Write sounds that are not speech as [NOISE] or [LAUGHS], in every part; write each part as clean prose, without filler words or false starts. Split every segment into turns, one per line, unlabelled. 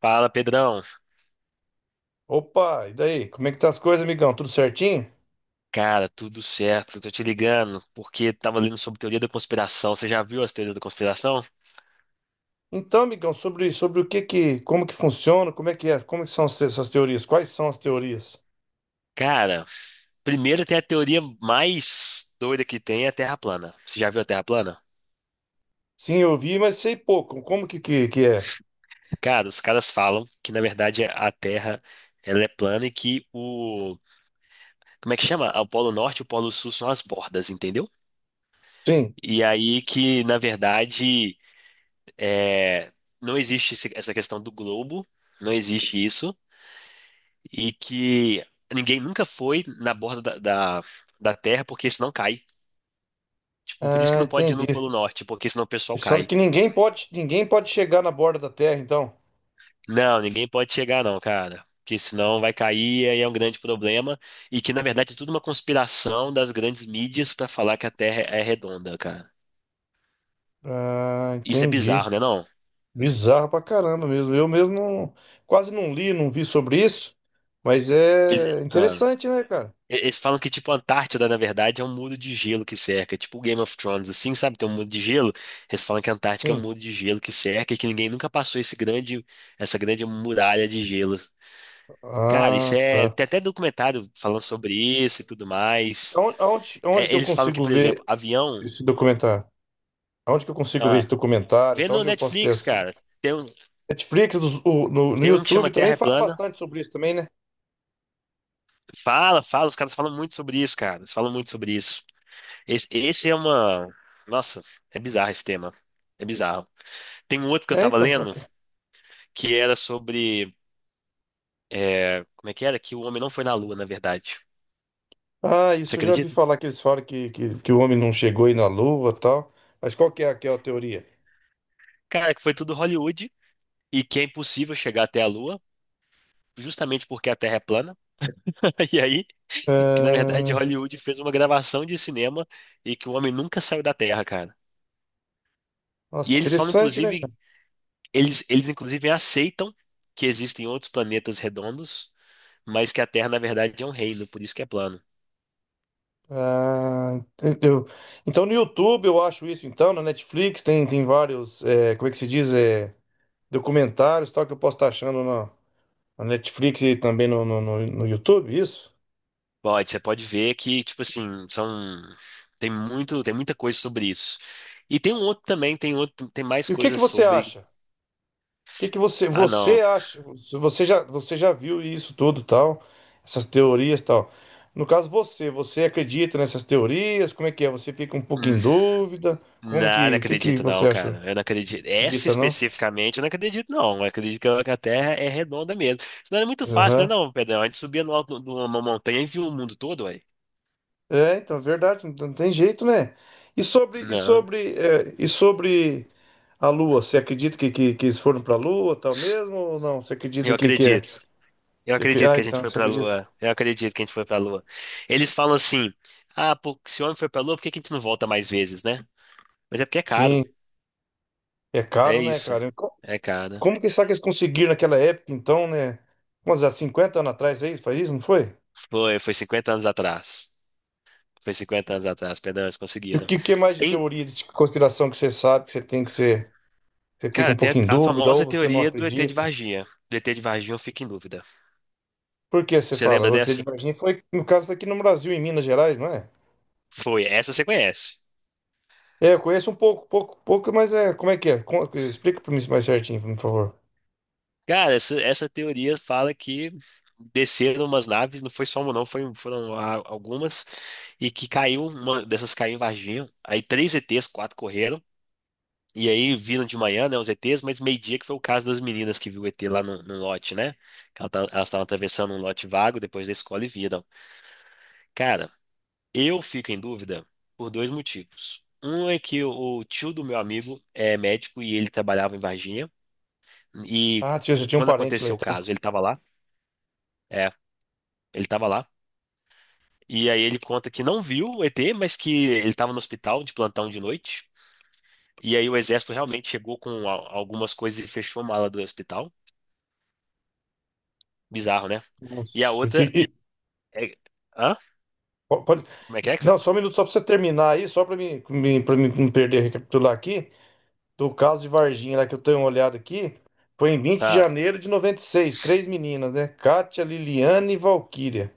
Fala, Pedrão.
Opa, e daí? Como é que tá as coisas, amigão? Tudo certinho?
Cara, tudo certo. Tô te ligando porque tava lendo sobre teoria da conspiração. Você já viu as teorias da conspiração?
Então, amigão, sobre o que que, como que funciona, como é que é, como que são essas teorias? Quais são as teorias?
Cara, primeiro tem a teoria mais doida que tem, é a Terra plana. Você já viu a Terra plana?
Sim, eu vi, mas sei pouco. Como que é?
Cara, os caras falam que na verdade a Terra ela é plana, e que o, como é que chama? O Polo Norte e o Polo Sul são as bordas, entendeu?
Sim.
E aí que na verdade, é, não existe essa questão do globo, não existe isso. E que ninguém nunca foi na borda da, da Terra porque senão cai. Tipo, por isso que
Ah,
não pode ir
entendi.
no Polo Norte, porque senão o pessoal
Eles falam
cai.
que ninguém pode chegar na borda da Terra, então.
Não, ninguém pode chegar não, cara. Porque senão vai cair e é um grande problema. E que, na verdade, é tudo uma conspiração das grandes mídias pra falar que a Terra é redonda, cara.
Ah,
Isso é
entendi.
bizarro, né, não?
Bizarro pra caramba mesmo. Eu mesmo não- Quase não li, não vi sobre isso, mas é
Ele- ah.
interessante, né, cara?
Eles falam que, tipo, a Antártida, na verdade, é um muro de gelo que cerca. É tipo o Game of Thrones, assim, sabe? Tem um muro de gelo. Eles falam que a Antártica é um
Sim.
muro de gelo que cerca e que ninguém nunca passou essa grande muralha de gelo. Cara, isso
Ah,
é.
tá.
Tem até documentário falando sobre isso e tudo mais.
Aonde
É,
que eu
eles falam que,
consigo
por exemplo,
ver
avião.
esse documentário? Onde que eu consigo ver esse
Ah,
documentário?
vê
Tá?
no
Onde eu posso ter
Netflix,
essa...
cara. Tem um,
Netflix, no, no
tem um que
YouTube
chama
também
Terra é
fala
Plana.
bastante sobre isso também, né?
Fala, fala. Os caras falam muito sobre isso, cara. Eles falam muito sobre isso. Esse é uma. Nossa, é bizarro esse tema. É bizarro. Tem um outro que eu
É,
tava
então,
lendo
bacana.
que era sobre. Como é que era? Que o homem não foi na Lua, na verdade.
Ah,
Você
isso eu já vi
acredita?
falar que eles falam que o homem não chegou aí na Lua e tal. Mas qual que é aquela teoria?
Cara, que foi tudo Hollywood e que é impossível chegar até a Lua, justamente porque a Terra é plana. [LAUGHS] E aí, que na verdade
Ah,
Hollywood fez uma gravação de cinema e que o homem nunca saiu da Terra, cara. E
nossa,
eles falam,
interessante, né,
inclusive,
cara?
eles inclusive aceitam que existem outros planetas redondos, mas que a Terra, na verdade, é um reino, por isso que é plano.
Ah, eu- então no YouTube eu acho isso, então, na Netflix tem, tem vários, é, como é que se diz? É, documentários e tal que eu posso estar achando na, na Netflix e também no YouTube, isso?
Você pode ver que, tipo assim, são tem muito, tem muita coisa sobre isso. E tem um outro também, tem outro, tem mais
E o que que
coisas
você
sobre.
acha? O que que você
Ah, não.
você acha? Você já viu isso tudo, tal, essas teorias, tal. No caso você acredita nessas teorias? Como é que é? Você fica um pouco
Hum,
em dúvida? Como
não, não
que o que que
acredito não,
você acha?
cara. Eu não acredito. Essa
Acredita não?
especificamente, eu não acredito não. Eu acredito que a Terra é redonda mesmo. Senão é muito fácil, né
Aham.
não, Pedrão? A gente subia no alto de uma montanha e viu o mundo todo, ué.
É, então, é verdade, não tem jeito, né? E sobre e
Não,
sobre é, e sobre a Lua, você acredita que eles foram para a Lua, tal mesmo ou não? Você acredita
eu
que é?
acredito. Eu acredito
Ah,
que a gente
então,
foi
você
pra
acredita?
Lua. Eu acredito que a gente foi pra Lua. Eles falam assim: ah, pô, se o homem foi pra Lua, por que que a gente não volta mais vezes, né? Mas é porque é caro.
Sim, é
É
caro, né,
isso.
cara?
É caro, né?
Como que será que eles conseguiram naquela época, então, né? Quantos anos? 50 anos atrás, aí faz isso, não foi?
Foi 50 anos atrás. Foi 50 anos atrás, perdão, eles
E o
conseguiram.
que, que é mais de
Tem,
teoria de conspiração que você sabe, que você tem que ser, você fica
cara,
um
tem a,
pouco em
a
dúvida ou
famosa
você não
teoria do ET de
acredita?
Varginha. Do ET de Varginha eu fico em dúvida.
Por que você
Você
fala?
lembra
Roteiro de
dessa?
Varginha foi, no caso, foi aqui no Brasil, em Minas Gerais, não é?
Foi, essa você conhece.
É, eu conheço um pouco, mas é, como é que é? Explica para mim mais certinho, por favor.
Cara, essa teoria fala que desceram umas naves, não foi só uma não, algumas, e que caiu, uma dessas caiu em Varginha. Aí três ETs, quatro correram. E aí viram de manhã, né, os ETs, mas meio-dia que foi o caso das meninas que viu o ET lá no lote, né? Elas estavam atravessando um lote vago depois da escola e viram. Cara, eu fico em dúvida por dois motivos. Um é que o tio do meu amigo é médico e ele trabalhava em Varginha. E
Ah, tio, eu tinha um
quando
parente lá,
aconteceu o
então.
caso, ele estava lá. É, ele estava lá. E aí ele conta que não viu o ET, mas que ele estava no hospital de plantão de noite. E aí o exército realmente chegou com algumas coisas e fechou a mala do hospital. Bizarro, né? E a
Nossa, eu tinha-
outra
e-
é. Hã?
po- pode-
Como é que você.
não, só um minuto, só para você terminar aí, só para mim pra mim não perder, recapitular aqui. Do caso de Varginha, lá que eu tenho uma olhada aqui, foi em vinte de
Ah,
janeiro de noventa e seis Três meninas, né? Kátia, Liliane e Valquíria.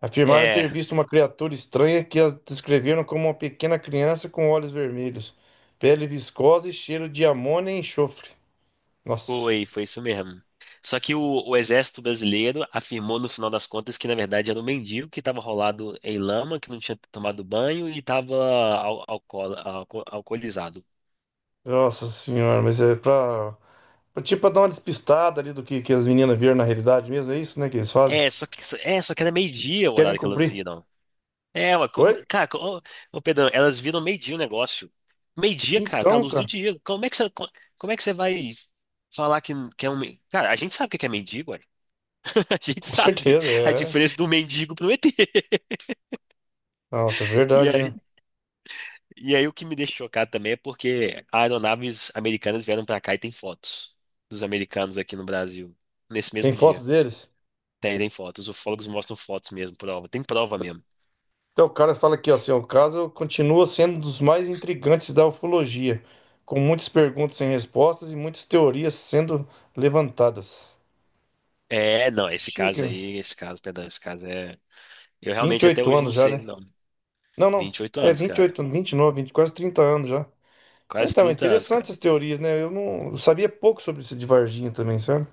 Afirmaram
é.
ter visto uma criatura estranha que as descreveram como uma pequena criança com olhos vermelhos, pele viscosa e cheiro de amônia e enxofre. Nossa,
Foi isso mesmo. Só que o exército brasileiro afirmou no final das contas que na verdade era um mendigo que estava rolado em lama, que não tinha tomado banho e estava alcoolizado.
nossa senhora, mas é pra tipo pra dar uma despistada ali do que as meninas viram na realidade mesmo. É isso, né? Que eles fazem?
É, só que, era meio-dia o
Querem
horário que elas
cobrir.
viram. É, ué,
Oi?
cara, ô, ô, Pedrão, elas viram meio-dia o negócio. Meio-dia, cara, tá a
Então,
luz do
cara,
dia. Como é que você vai falar que é um. Cara, a gente sabe o que é mendigo. [LAUGHS] A gente
com
sabe
certeza,
a
é.
diferença do mendigo pro ET. [LAUGHS]
Nossa, é
E
verdade, né?
aí, e aí, o que me deixa chocado também é porque aeronaves americanas vieram pra cá e tem fotos dos americanos aqui no Brasil, nesse
Tem
mesmo
foto
dia.
deles?
Tem fotos, os ufólogos mostram fotos mesmo, prova, tem prova mesmo.
Então, o cara fala aqui, ó, seu caso continua sendo um dos mais intrigantes da ufologia, com muitas perguntas sem respostas e muitas teorias sendo levantadas.
É, não, esse caso
Chega,
aí, esse caso, perdão, esse caso é. Eu
vinte e
realmente até
oito
hoje
anos
não
já,
sei,
né?
não.
Não, não,
vinte e oito
é
anos,
vinte e
cara.
oito, 29, vinte, quase 30 anos já.
Quase
Então, é
30 anos,
interessante
cara.
essas teorias, né? Eu não eu sabia pouco sobre isso de Varginha também, sabe?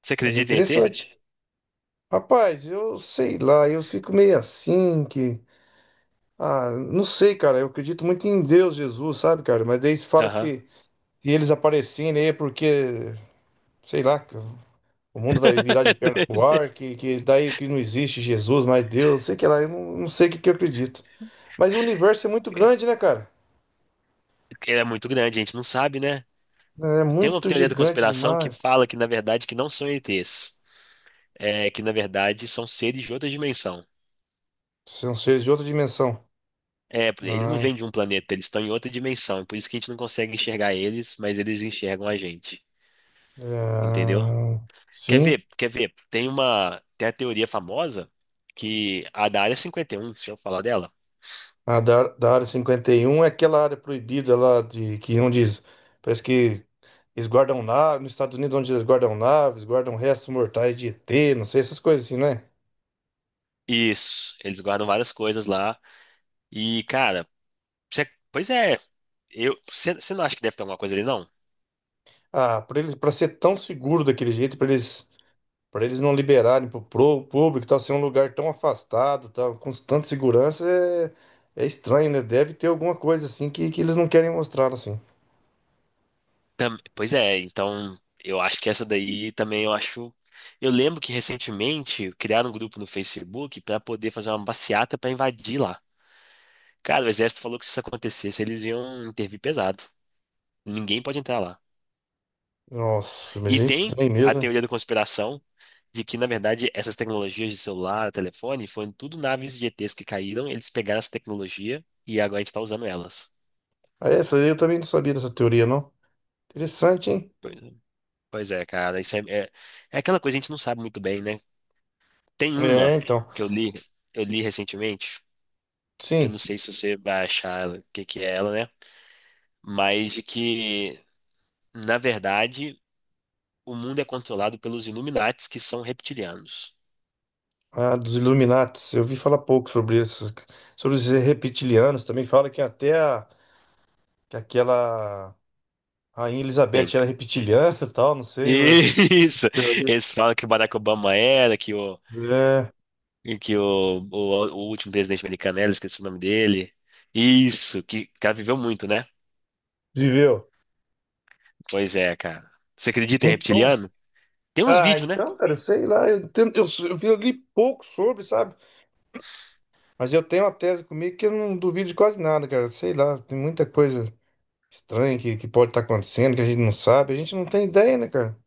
Você
Mas é
acredita em ET?
interessante. Rapaz, eu sei lá, eu fico meio assim que... Ah, não sei, cara, eu acredito muito em Deus, Jesus, sabe, cara? Mas daí se fala que
Aham.
se... e eles aparecendo aí porque, sei lá, que o mundo vai virar de perna pro
[LAUGHS]
ar, que daí que não existe Jesus, mas Deus, sei que lá, eu não, não sei o que, que eu acredito. Mas o universo é muito grande, né, cara?
Ele é muito grande, a gente não sabe, né?
É
Tem uma
muito
teoria da
gigante
conspiração que
demais.
fala que, na verdade, que não são ETs. É, que, na verdade, são seres de outra dimensão.
São seres de outra dimensão.
É, eles
Ah,
não vêm de um planeta, eles estão em outra dimensão. Por isso que a gente não consegue enxergar eles, mas eles enxergam a gente. Entendeu?
é,
Quer
sim,
ver? Quer ver? Tem a teoria famosa que a da Área 51, se eu falar dela.
a da Área 51 é aquela área proibida lá de que onde parece que eles guardam naves, nos Estados Unidos onde eles guardam naves, guardam restos mortais de ET, não sei, essas coisas assim, né?
Isso, eles guardam várias coisas lá. E, cara, pois é, eu, você você não acha que deve ter alguma coisa ali, não?
Ah, para eles, para ser tão seguro daquele jeito, para eles não liberarem pro público, e tal, ser um lugar tão afastado, tal, com tanta segurança, é, é estranho, né? Deve ter alguma coisa assim que eles não querem mostrar, assim.
Pois é, então eu acho que essa daí também eu acho. Eu lembro que recentemente criaram um grupo no Facebook para poder fazer uma passeata para invadir lá. Cara, o exército falou que se isso acontecesse, eles iam intervir pesado. Ninguém pode entrar lá.
Nossa, mas
E
é
tem
estranho
a
mesmo, né?
teoria da conspiração de que, na verdade, essas tecnologias de celular, telefone, foram tudo naves de ETs que caíram, eles pegaram essa tecnologia e agora a gente está usando elas.
Ah, essa aí eu também não sabia dessa teoria, não. Interessante, hein?
Pois é, Pois é, cara, isso é aquela coisa que a gente não sabe muito bem, né? Tem
É,
uma
então.
que eu li recentemente. Eu não
Sim,
sei se você vai achar o que que é ela, né? Mas de que, na verdade, o mundo é controlado pelos Illuminates, que são reptilianos.
a dos Illuminates, eu vi falar pouco sobre isso, sobre os reptilianos, também fala que até que aquela Rainha
Tem.
Elizabeth
[LAUGHS]
era reptiliana [LAUGHS] e tal, não sei, né?
Isso! Eles falam que o Barack Obama era, que o,
É,
que o, o, o último presidente americano era, esqueci o nome dele. Isso, que o cara viveu muito, né?
viveu.
Pois é, cara. Você acredita em
Então,
reptiliano? Tem uns
ah,
vídeos, né?
então, cara, eu sei lá, eu vi ali pouco sobre, sabe? Mas eu tenho uma tese comigo que eu não duvido de quase nada, cara. Sei lá, tem muita coisa estranha que pode estar acontecendo, que a gente não sabe, a gente não tem ideia, né, cara?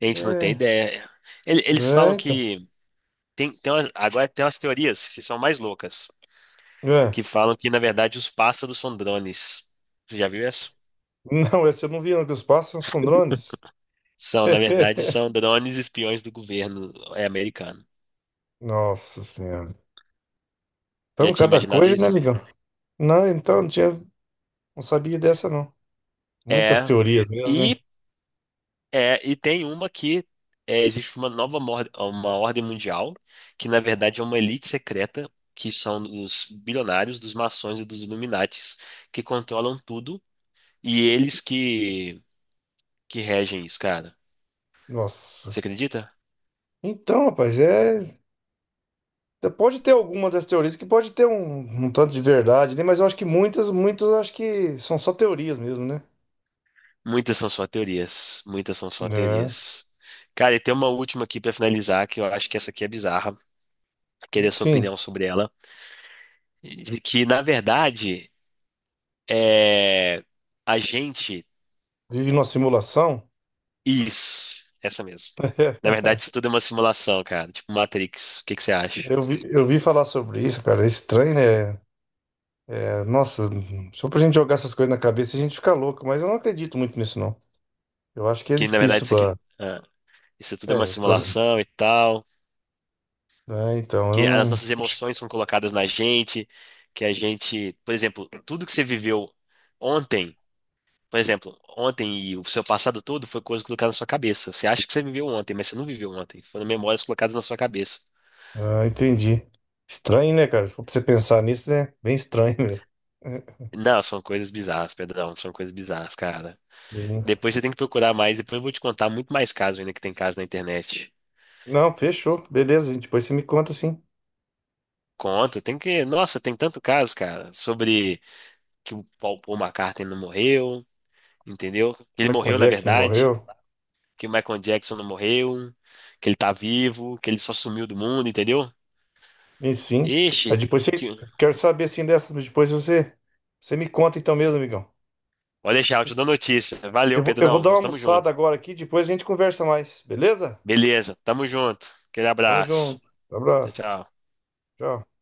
A gente não tem
É,
ideia. Eles
é,
falam
então.
que. Agora tem umas teorias que são mais loucas,
É.
que falam que, na verdade, os pássaros são drones. Você já viu essa?
Não, [LAUGHS] essa eu não vi, não, que os pássaros são drones.
São, na verdade, são
[LAUGHS]
drones espiões do governo é, americano.
Nossa Senhora.
Já
Então,
tinha
cada
imaginado
coisa, né,
isso?
amigão? Não, então, não tinha, não sabia dessa, não. Muitas
É.
teorias mesmo, né?
E, e tem uma existe uma nova uma ordem mundial, que na verdade é uma elite secreta, que são os bilionários, dos maçons e dos Illuminates, que controlam tudo, e eles que regem isso, cara.
Nossa.
Você acredita?
Então, rapaz, é. Pode ter alguma das teorias que pode ter um, um tanto de verdade, né? Mas eu acho que muitas eu acho que são só teorias mesmo, né?
Muitas são só teorias. Muitas são só
É.
teorias. Cara, e tem uma última aqui pra finalizar, que eu acho que essa aqui é bizarra. Queria sua
Sim,
opinião sobre ela. De que, na verdade, é... a gente.
vive numa simulação.
Isso, essa mesmo. Na
[LAUGHS]
verdade, isso tudo é uma simulação, cara. Tipo Matrix. O que que você acha?
Eu vi falar sobre isso, cara. É estranho, né? É, nossa, só pra gente jogar essas coisas na cabeça a gente fica louco, mas eu não acredito muito nisso, não. Eu acho que é
Que, na verdade,
difícil
isso aqui.
pra.
ah, isso tudo é uma
É, pra.
simulação e tal.
É, então, eu
Que as
não.
nossas
acho-
emoções são colocadas na gente. Que a gente. Por exemplo, tudo que você viveu ontem. Por exemplo, ontem e o seu passado todo foi coisa colocada na sua cabeça. Você acha que você viveu ontem, mas você não viveu ontem. Foram memórias colocadas na sua cabeça.
Ah, entendi. Estranho, né, cara? Se for pra você pensar nisso, né? Bem estranho mesmo. [LAUGHS]
Não, são coisas bizarras, Pedrão. São coisas bizarras, cara.
É.
Depois você tem que procurar mais. Depois eu vou te contar muito mais casos ainda que tem casos na internet.
Não, fechou. Beleza, depois você me conta, sim.
Conta, tem que. Nossa, tem tanto caso, cara, sobre que o Paul McCartney não morreu, entendeu? Ele
Michael
morreu, na
Jackson não
verdade,
morreu?
que o Michael Jackson não morreu, que ele tá vivo, que ele só sumiu do mundo, entendeu?
E sim.
Ixi,
Mas depois
que.
você... Quero saber, assim, dessas, mas depois você... Você me conta então mesmo, amigão.
Pode deixar, eu te dou notícia.
Eu
Valeu,
vou, eu vou
Pedrão.
dar uma
Nós estamos
almoçada
juntos.
agora aqui, depois a gente conversa mais, beleza?
Beleza, tamo junto. Aquele
Tamo
abraço.
junto.
Tchau,
Abraço.
tchau.
Tchau.